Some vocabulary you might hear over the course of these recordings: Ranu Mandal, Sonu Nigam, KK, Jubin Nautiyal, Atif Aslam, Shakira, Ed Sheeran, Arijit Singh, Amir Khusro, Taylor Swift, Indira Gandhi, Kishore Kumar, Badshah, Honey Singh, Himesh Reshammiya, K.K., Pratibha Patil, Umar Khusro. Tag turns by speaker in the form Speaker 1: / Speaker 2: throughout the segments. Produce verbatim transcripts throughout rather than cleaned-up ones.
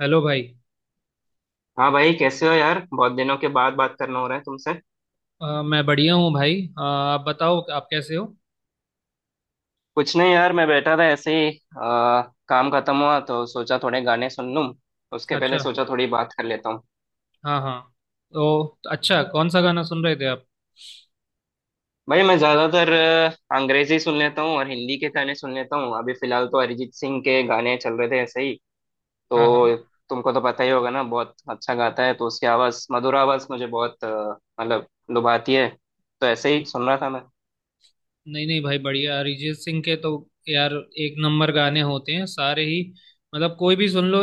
Speaker 1: Hello भाई।
Speaker 2: हाँ भाई, कैसे हो यार। बहुत दिनों के बाद बात करना हो रहा है तुमसे।
Speaker 1: अ, मैं बढ़िया हूँ भाई। अ, आप बताओ, आप कैसे हो?
Speaker 2: कुछ नहीं यार, मैं बैठा था ऐसे ही। आ, काम खत्म हुआ तो सोचा थोड़े गाने सुन लूँ। उसके पहले
Speaker 1: अच्छा।
Speaker 2: सोचा थोड़ी बात कर लेता हूँ।
Speaker 1: हाँ हाँ। तो तो अच्छा, कौन सा गाना सुन रहे थे आप?
Speaker 2: भाई मैं ज्यादातर अ, अंग्रेजी सुन लेता हूँ और हिंदी के गाने सुन लेता हूँ। अभी फिलहाल तो अरिजीत सिंह के गाने चल रहे थे ऐसे ही।
Speaker 1: हाँ हाँ।
Speaker 2: तो तुमको तो पता ही होगा ना, बहुत अच्छा गाता है। तो उसकी आवाज, मधुर आवाज मुझे बहुत अ, मतलब लुभाती है। तो ऐसे ही सुन रहा था मैं।
Speaker 1: नहीं नहीं भाई, बढ़िया। अरिजीत सिंह के तो यार एक नंबर गाने होते हैं सारे ही। मतलब कोई भी सुन लो।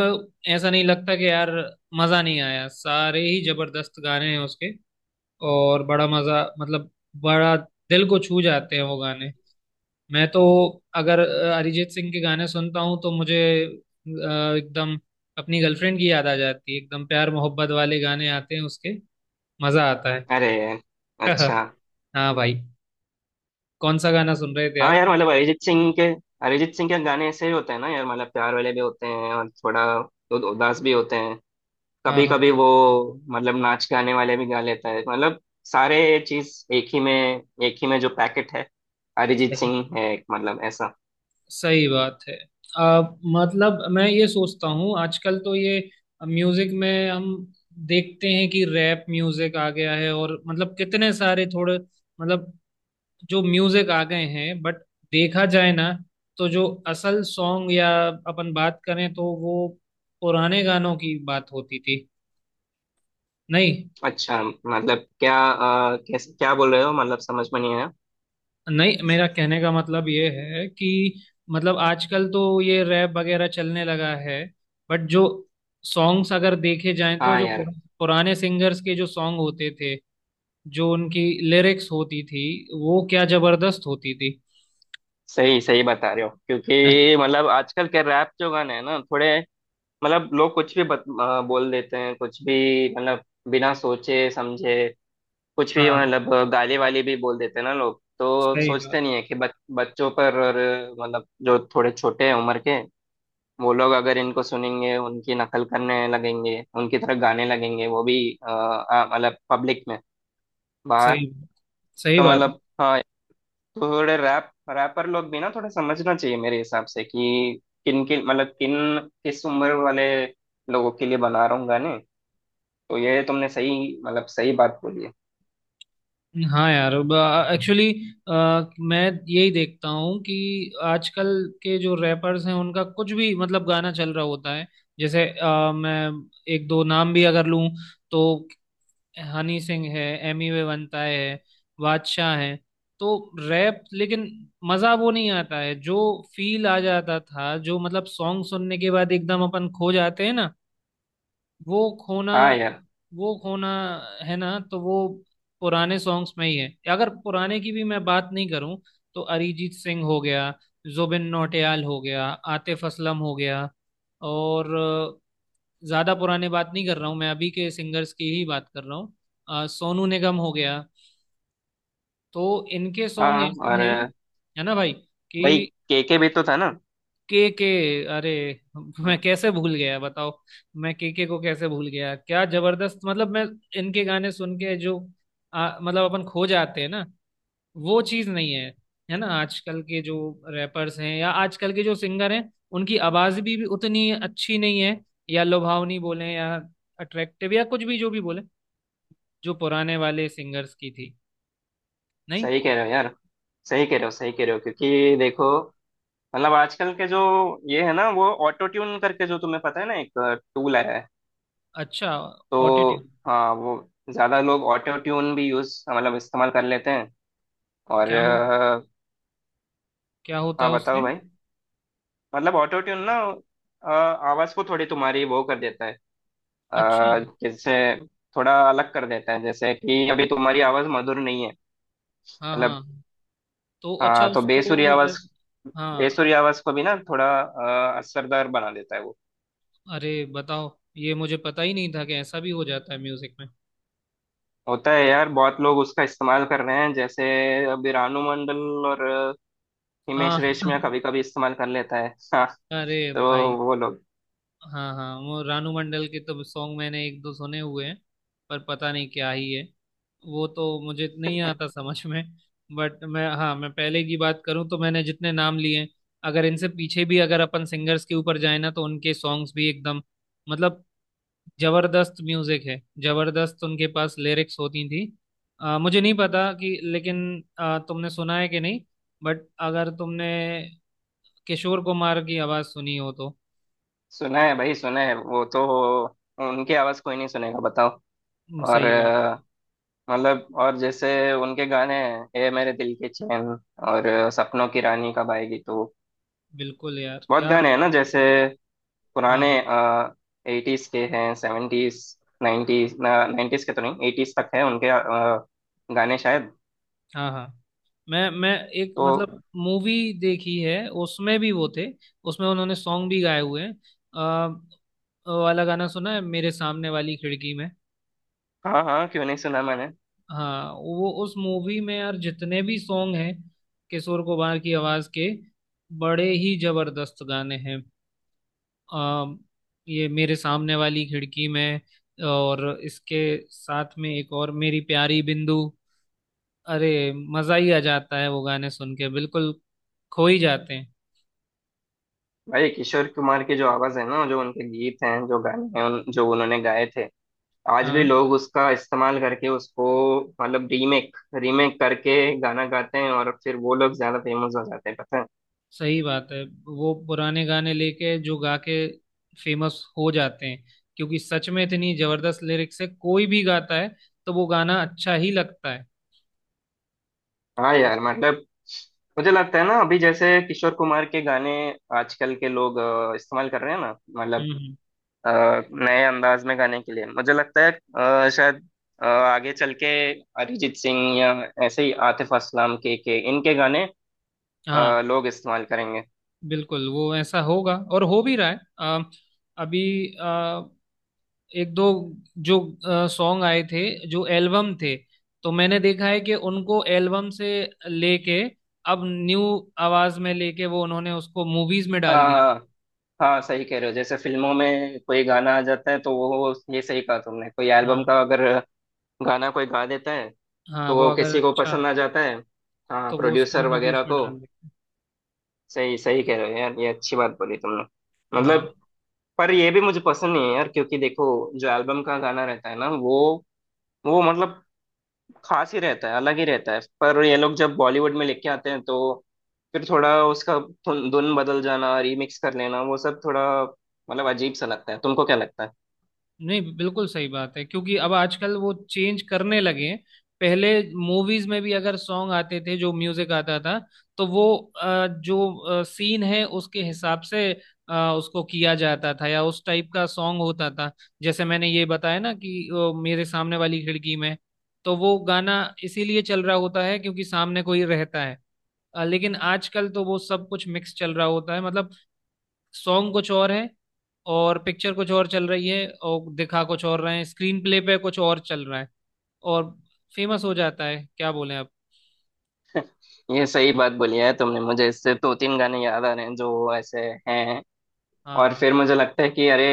Speaker 1: ऐसा नहीं लगता कि यार मज़ा नहीं आया। सारे ही जबरदस्त गाने हैं उसके। और बड़ा मज़ा, मतलब बड़ा दिल को छू जाते हैं वो गाने। मैं तो अगर अ, अरिजीत सिंह के गाने सुनता हूँ तो मुझे अ, एकदम अपनी गर्लफ्रेंड की याद आ जाती है। एकदम प्यार मोहब्बत वाले गाने आते हैं उसके। मजा आता है।
Speaker 2: अरे, अच्छा।
Speaker 1: हाँ भाई। कौन सा गाना सुन रहे थे
Speaker 2: हाँ
Speaker 1: आप?
Speaker 2: यार, मतलब अरिजीत सिंह के, अरिजीत सिंह के गाने ऐसे ही होते हैं ना यार। मतलब प्यार वाले भी होते हैं और थोड़ा उ- उदास भी होते हैं
Speaker 1: हाँ
Speaker 2: कभी
Speaker 1: हाँ
Speaker 2: कभी
Speaker 1: हाँ।
Speaker 2: वो। मतलब नाच गाने वाले भी गा लेता है। मतलब सारे चीज एक ही में, एक ही में जो पैकेट है अरिजीत
Speaker 1: सही,
Speaker 2: सिंह है एक, मतलब ऐसा।
Speaker 1: सही बात है। आ, मतलब मैं ये सोचता हूँ आजकल तो ये म्यूजिक में हम देखते हैं कि रैप म्यूजिक आ गया है, और मतलब कितने सारे थोड़े मतलब जो म्यूजिक आ गए हैं। बट देखा जाए ना तो जो असल सॉन्ग या अपन बात करें तो वो पुराने गानों की बात होती थी। नहीं।
Speaker 2: अच्छा, मतलब क्या आ, कैसे क्या बोल रहे हो, मतलब समझ में नहीं आया।
Speaker 1: नहीं, मेरा कहने का मतलब ये है कि मतलब आजकल तो ये रैप वगैरह चलने लगा है। बट जो सॉन्ग्स अगर देखे जाएं तो
Speaker 2: हाँ
Speaker 1: जो
Speaker 2: यार।
Speaker 1: पुरा- पुराने सिंगर्स के जो सॉन्ग होते थे, जो उनकी लिरिक्स होती थी वो क्या जबरदस्त होती थी।
Speaker 2: सही सही बता रहे हो, क्योंकि मतलब आजकल के रैप जो गाने हैं ना थोड़े, मतलब लोग कुछ भी बत, अ, बोल देते हैं कुछ भी, मतलब बिना सोचे समझे कुछ भी,
Speaker 1: हाँ।
Speaker 2: मतलब गाली वाली भी बोल देते हैं ना लोग। तो
Speaker 1: सही बात।
Speaker 2: सोचते नहीं है कि बच, बच्चों पर, और मतलब जो थोड़े छोटे हैं उम्र के, वो लोग अगर इनको सुनेंगे उनकी नकल करने लगेंगे, उनकी तरह गाने लगेंगे वो भी अ, अ, मतलब पब्लिक में बाहर।
Speaker 1: सही बात। सही
Speaker 2: तो
Speaker 1: बात।
Speaker 2: मतलब हाँ, थोड़े रैप रैपर लोग भी ना थोड़ा समझना चाहिए मेरे हिसाब से, कि किन किन मतलब किन किस उम्र वाले लोगों के लिए बना रहा हूँ गाने। तो ये तुमने सही, मतलब सही बात बोली है।
Speaker 1: हाँ यार। एक्चुअली मैं यही देखता हूँ कि आजकल के जो रैपर्स हैं उनका कुछ भी मतलब गाना चल रहा होता है। जैसे अ, मैं एक दो नाम भी अगर लूँ तो हनी सिंह है, एमी वे वनता है, बादशाह है। तो रैप, लेकिन मज़ा वो नहीं आता है जो फील आ जाता था, जो मतलब सॉन्ग सुनने के बाद एकदम अपन खो जाते हैं ना, वो खोना,
Speaker 2: हाँ यार।
Speaker 1: वो खोना है ना। तो वो पुराने सॉन्ग्स में ही है। अगर पुराने की भी मैं बात नहीं करूं तो अरिजीत सिंह हो गया, जुबिन नौटियाल हो गया, आतिफ असलम हो गया, और अ, ज्यादा पुराने बात नहीं कर रहा हूं मैं, अभी के सिंगर्स की ही बात कर रहा हूँ, सोनू निगम हो गया। तो इनके सॉन्ग
Speaker 2: हाँ,
Speaker 1: ऐसे
Speaker 2: और
Speaker 1: हैं, है ना भाई
Speaker 2: भाई,
Speaker 1: कि
Speaker 2: केके भी तो था ना।
Speaker 1: के के। अरे
Speaker 2: हाँ।
Speaker 1: मैं कैसे भूल गया बताओ? मैं के के को कैसे भूल गया? क्या जबरदस्त, मतलब मैं इनके गाने सुन के जो आ, मतलब अपन खो जाते हैं ना, वो चीज नहीं है, है ना आजकल के जो रैपर्स हैं या आजकल के जो सिंगर हैं। उनकी आवाज भी, भी उतनी अच्छी नहीं है, या लुभावनी बोले या अट्रैक्टिव या कुछ भी जो भी बोले, जो पुराने वाले सिंगर्स की थी। नहीं।
Speaker 2: सही कह रहे हो यार, सही कह रहे हो, सही कह रहे हो, क्योंकि देखो मतलब आजकल के जो ये है ना, वो ऑटो ट्यून करके, जो तुम्हें पता है ना, एक टूल आया है।
Speaker 1: अच्छा।
Speaker 2: तो
Speaker 1: ऑटोट्यून?
Speaker 2: हाँ वो ज्यादा लोग ऑटो ट्यून भी यूज, मतलब इस्तेमाल कर लेते हैं। और
Speaker 1: क्या हो,
Speaker 2: अ,
Speaker 1: क्या होता
Speaker 2: हाँ
Speaker 1: है उससे?
Speaker 2: बताओ भाई। मतलब ऑटो ट्यून ना, अ, आवाज को थोड़ी तुम्हारी वो कर देता है।
Speaker 1: अच्छा।
Speaker 2: अ, जैसे थोड़ा अलग कर देता है, जैसे कि अभी तुम्हारी आवाज मधुर नहीं है,
Speaker 1: हाँ हाँ।
Speaker 2: मतलब।
Speaker 1: तो अच्छा,
Speaker 2: हाँ तो बेसुरी
Speaker 1: उसको वे-
Speaker 2: आवाज,
Speaker 1: हाँ।
Speaker 2: बेसुरी आवाज को भी ना थोड़ा अ, असरदार बना देता है वो।
Speaker 1: अरे बताओ, ये मुझे पता ही नहीं था कि ऐसा भी हो जाता है म्यूजिक में।
Speaker 2: होता है यार, बहुत लोग उसका इस्तेमाल कर रहे हैं। जैसे अभी रानू मंडल और अ,
Speaker 1: हाँ।
Speaker 2: हिमेश रेशमिया कभी कभी इस्तेमाल कर लेता है। हाँ।
Speaker 1: अरे भाई।
Speaker 2: तो वो लोग।
Speaker 1: हाँ हाँ, वो रानू मंडल के तो सॉन्ग मैंने एक दो सुने हुए हैं। पर पता नहीं क्या ही है, वो तो मुझे नहीं आता समझ में। बट मैं, हाँ, मैं पहले की बात करूँ तो मैंने जितने नाम लिए, अगर इनसे पीछे भी अगर अपन सिंगर्स के ऊपर जाए ना तो उनके सॉन्ग्स भी एकदम मतलब जबरदस्त म्यूजिक है। जबरदस्त उनके पास लिरिक्स होती थी। अ, मुझे नहीं पता कि, लेकिन अ, तुमने सुना है कि नहीं, बट अगर तुमने किशोर कुमार की आवाज सुनी हो तो।
Speaker 2: सुना है भाई, सुना है, वो तो उनकी आवाज कोई नहीं सुनेगा बताओ।
Speaker 1: हम्म,
Speaker 2: और
Speaker 1: सही बात।
Speaker 2: मतलब और जैसे उनके गाने हैं, ए मेरे दिल के चैन, और अ, सपनों की रानी कब आएगी। तो
Speaker 1: बिल्कुल यार
Speaker 2: बहुत
Speaker 1: क्या।
Speaker 2: गाने हैं ना, जैसे
Speaker 1: हाँ
Speaker 2: पुराने
Speaker 1: हाँ
Speaker 2: एटीज के हैं, सेवेंटीज, नाइन्टीज, नाइन्टीज के तो नहीं, एटीज तक हैं उनके अ, गाने शायद।
Speaker 1: हाँ हाँ। मैं मैं एक
Speaker 2: तो
Speaker 1: मतलब मूवी देखी है, उसमें भी वो थे। उसमें उन्होंने सॉन्ग भी गाए हुए हैं। अ, वो वाला गाना सुना है मेरे सामने वाली खिड़की में?
Speaker 2: हाँ हाँ, क्यों नहीं सुना मैंने।
Speaker 1: हाँ, वो उस मूवी में यार जितने भी सॉन्ग हैं किशोर कुमार की आवाज के, बड़े ही जबरदस्त गाने हैं। आ, ये मेरे सामने वाली खिड़की में, और इसके साथ में एक और मेरी प्यारी बिंदु। अरे मजा ही आ जाता है वो गाने सुन के, बिल्कुल खो ही जाते हैं।
Speaker 2: भाई किशोर कुमार की जो आवाज़ है ना, जो उनके गीत हैं, जो गाने हैं उन, जो उन्होंने गाए थे, आज भी
Speaker 1: हाँ।
Speaker 2: लोग उसका इस्तेमाल करके उसको मतलब रीमेक, रीमेक करके गाना गाते हैं, और फिर वो लोग ज्यादा फेमस हो जाते हैं पता है।
Speaker 1: सही बात है। वो पुराने गाने लेके जो गा के फेमस हो जाते हैं, क्योंकि सच में इतनी जबरदस्त लिरिक्स है, कोई भी गाता है तो वो गाना अच्छा ही लगता है।
Speaker 2: हाँ यार, मतलब मुझे लगता है ना, अभी जैसे किशोर कुमार के गाने आजकल के लोग अ, इस्तेमाल कर रहे हैं ना, मतलब
Speaker 1: हम्म, हम्म।
Speaker 2: अ, नए अंदाज में गाने के लिए। मुझे लगता है अ, शायद अ, आगे चल के अरिजीत सिंह या ऐसे ही आतिफ असलम के के इनके गाने
Speaker 1: हाँ।
Speaker 2: अ, लोग इस्तेमाल करेंगे।
Speaker 1: बिल्कुल वो ऐसा होगा, और हो भी रहा है। अ, अभी अ, एक दो जो सॉन्ग आए थे, जो एल्बम थे, तो मैंने देखा है कि उनको एल्बम से लेके अब न्यू आवाज में लेके वो उन्होंने उसको मूवीज में डाल दिया।
Speaker 2: आ, हाँ सही कह रहे हो। जैसे फिल्मों में कोई गाना आ जाता है तो वो ये सही कहा तुमने, कोई एल्बम
Speaker 1: हाँ
Speaker 2: का अगर गाना कोई गा देता है
Speaker 1: हाँ।
Speaker 2: तो
Speaker 1: वो
Speaker 2: वो
Speaker 1: अगर
Speaker 2: किसी को
Speaker 1: अच्छा
Speaker 2: पसंद आ जाता है, हाँ
Speaker 1: तो वो उसको
Speaker 2: प्रोड्यूसर
Speaker 1: मूवीज
Speaker 2: वगैरह
Speaker 1: में
Speaker 2: को।
Speaker 1: डाल देते हैं।
Speaker 2: सही सही कह रहे हो यार, ये अच्छी बात बोली तुमने।
Speaker 1: हाँ।
Speaker 2: मतलब पर ये भी मुझे पसंद नहीं है यार, क्योंकि देखो जो एल्बम का गाना रहता है ना, वो वो मतलब खास ही रहता है, अलग ही रहता है, पर ये लोग जब बॉलीवुड में लेके आते हैं, तो फिर थोड़ा उसका धुन धुन बदल जाना, रीमिक्स कर लेना, वो सब थोड़ा मतलब अजीब सा लगता है। तुमको क्या लगता है।
Speaker 1: नहीं, बिल्कुल सही बात है, क्योंकि अब आजकल वो चेंज करने लगे हैं। पहले मूवीज में भी अगर सॉन्ग आते थे, जो म्यूजिक आता था तो वो अ, जो सीन है उसके हिसाब से अ, उसको किया जाता था, या उस टाइप का सॉन्ग होता था। जैसे मैंने ये बताया ना कि अ, मेरे सामने वाली खिड़की में, तो वो गाना इसीलिए चल रहा होता है क्योंकि सामने कोई रहता है। अ, लेकिन आजकल तो वो सब कुछ मिक्स चल रहा होता है। मतलब सॉन्ग कुछ और है, और पिक्चर कुछ और चल रही है, और दिखा कुछ और रहे हैं, स्क्रीन प्ले पे कुछ और चल रहा है, और फेमस हो जाता है। क्या बोले आप?
Speaker 2: ये सही बात बोली है तुमने, मुझे इससे दो तीन गाने याद आ रहे हैं जो ऐसे हैं।
Speaker 1: हाँ
Speaker 2: और
Speaker 1: हाँ।
Speaker 2: फिर मुझे लगता है कि अरे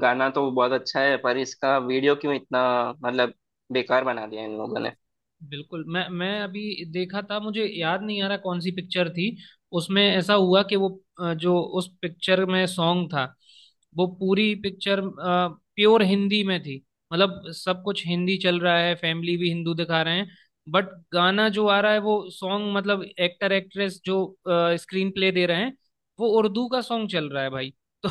Speaker 2: गाना तो बहुत अच्छा है, पर इसका वीडियो क्यों इतना मतलब बेकार बना दिया इन लोगों ने।
Speaker 1: बिल्कुल। मैं मैं अभी देखा था, मुझे याद नहीं आ रहा कौन सी पिक्चर थी। उसमें ऐसा हुआ कि वो अ, जो उस पिक्चर में सॉन्ग था, वो पूरी पिक्चर प्योर हिंदी में थी। मतलब सब कुछ हिंदी चल रहा है, फैमिली भी हिंदू दिखा रहे हैं। बट गाना जो आ रहा है वो सॉन्ग, मतलब एक्टर एक्ट्रेस जो स्क्रीन प्ले दे रहे हैं, वो उर्दू का सॉन्ग चल रहा है भाई। तो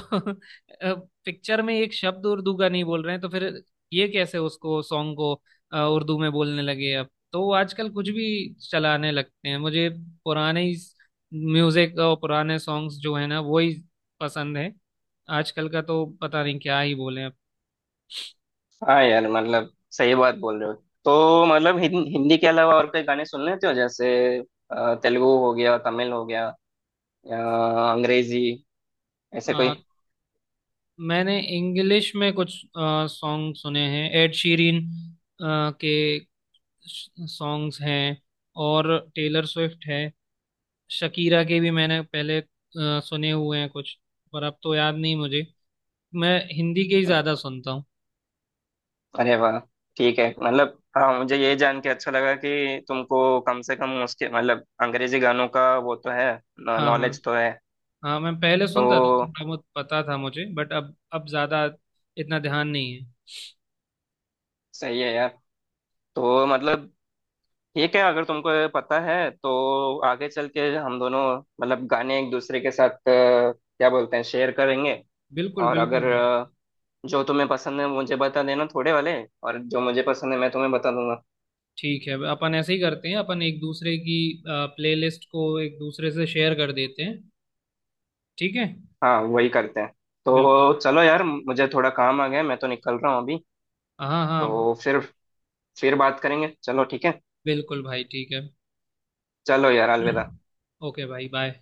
Speaker 1: पिक्चर में एक शब्द उर्दू का नहीं बोल रहे हैं, तो फिर ये कैसे उसको सॉन्ग को अ, उर्दू में बोलने लगे अब। तो वो आजकल कुछ भी चलाने लगते हैं। मुझे पुराने ही म्यूजिक और पुराने सॉन्ग्स जो है ना वो ही पसंद है। आजकल का तो पता नहीं क्या ही बोले अब।
Speaker 2: हाँ यार मतलब सही बात बोल रहे हो। तो मतलब हिं, हिंदी के अलावा और कोई गाने सुन लेते हो, जैसे अ, तेलुगु हो गया, तमिल हो गया, या अंग्रेजी, ऐसे कोई।
Speaker 1: अ, मैंने इंग्लिश में कुछ सॉन्ग सुने हैं, एड शीरिन के सॉन्ग्स हैं, और टेलर स्विफ्ट है। शकीरा के भी मैंने पहले अ, सुने हुए हैं कुछ, पर अब तो याद नहीं मुझे। मैं हिंदी के ही ज्यादा सुनता हूँ।
Speaker 2: अरे वाह, ठीक है। मतलब हाँ, मुझे ये जान के अच्छा लगा कि तुमको कम से कम उसके मतलब अंग्रेजी गानों का वो तो है,
Speaker 1: हाँ हाँ।
Speaker 2: नॉलेज तो है।
Speaker 1: हाँ मैं पहले सुनता था,
Speaker 2: तो
Speaker 1: थोड़ा बहुत पता था मुझे, बट अब अब ज्यादा इतना ध्यान नहीं है।
Speaker 2: सही है यार। तो मतलब ठीक है, अगर तुमको ये पता है तो आगे चल के हम दोनों मतलब गाने एक दूसरे के साथ अ, क्या बोलते हैं, शेयर करेंगे।
Speaker 1: बिल्कुल
Speaker 2: और
Speaker 1: बिल्कुल
Speaker 2: अगर
Speaker 1: भाई।
Speaker 2: अ, जो तुम्हें पसंद है मुझे बता देना थोड़े वाले, और जो मुझे पसंद है मैं तुम्हें बता दूंगा।
Speaker 1: ठीक है, अपन ऐसे ही करते हैं, अपन एक दूसरे की प्लेलिस्ट को एक दूसरे से शेयर कर देते हैं। ठीक है।
Speaker 2: हाँ वही करते हैं।
Speaker 1: बिल्कुल।
Speaker 2: तो चलो यार, मुझे थोड़ा काम आ गया है, मैं तो निकल रहा हूँ अभी।
Speaker 1: हाँ हाँ।
Speaker 2: तो फिर फिर बात करेंगे, चलो ठीक है।
Speaker 1: बिल्कुल भाई, ठीक है।
Speaker 2: चलो यार, अलविदा।
Speaker 1: ओके भाई, बाय।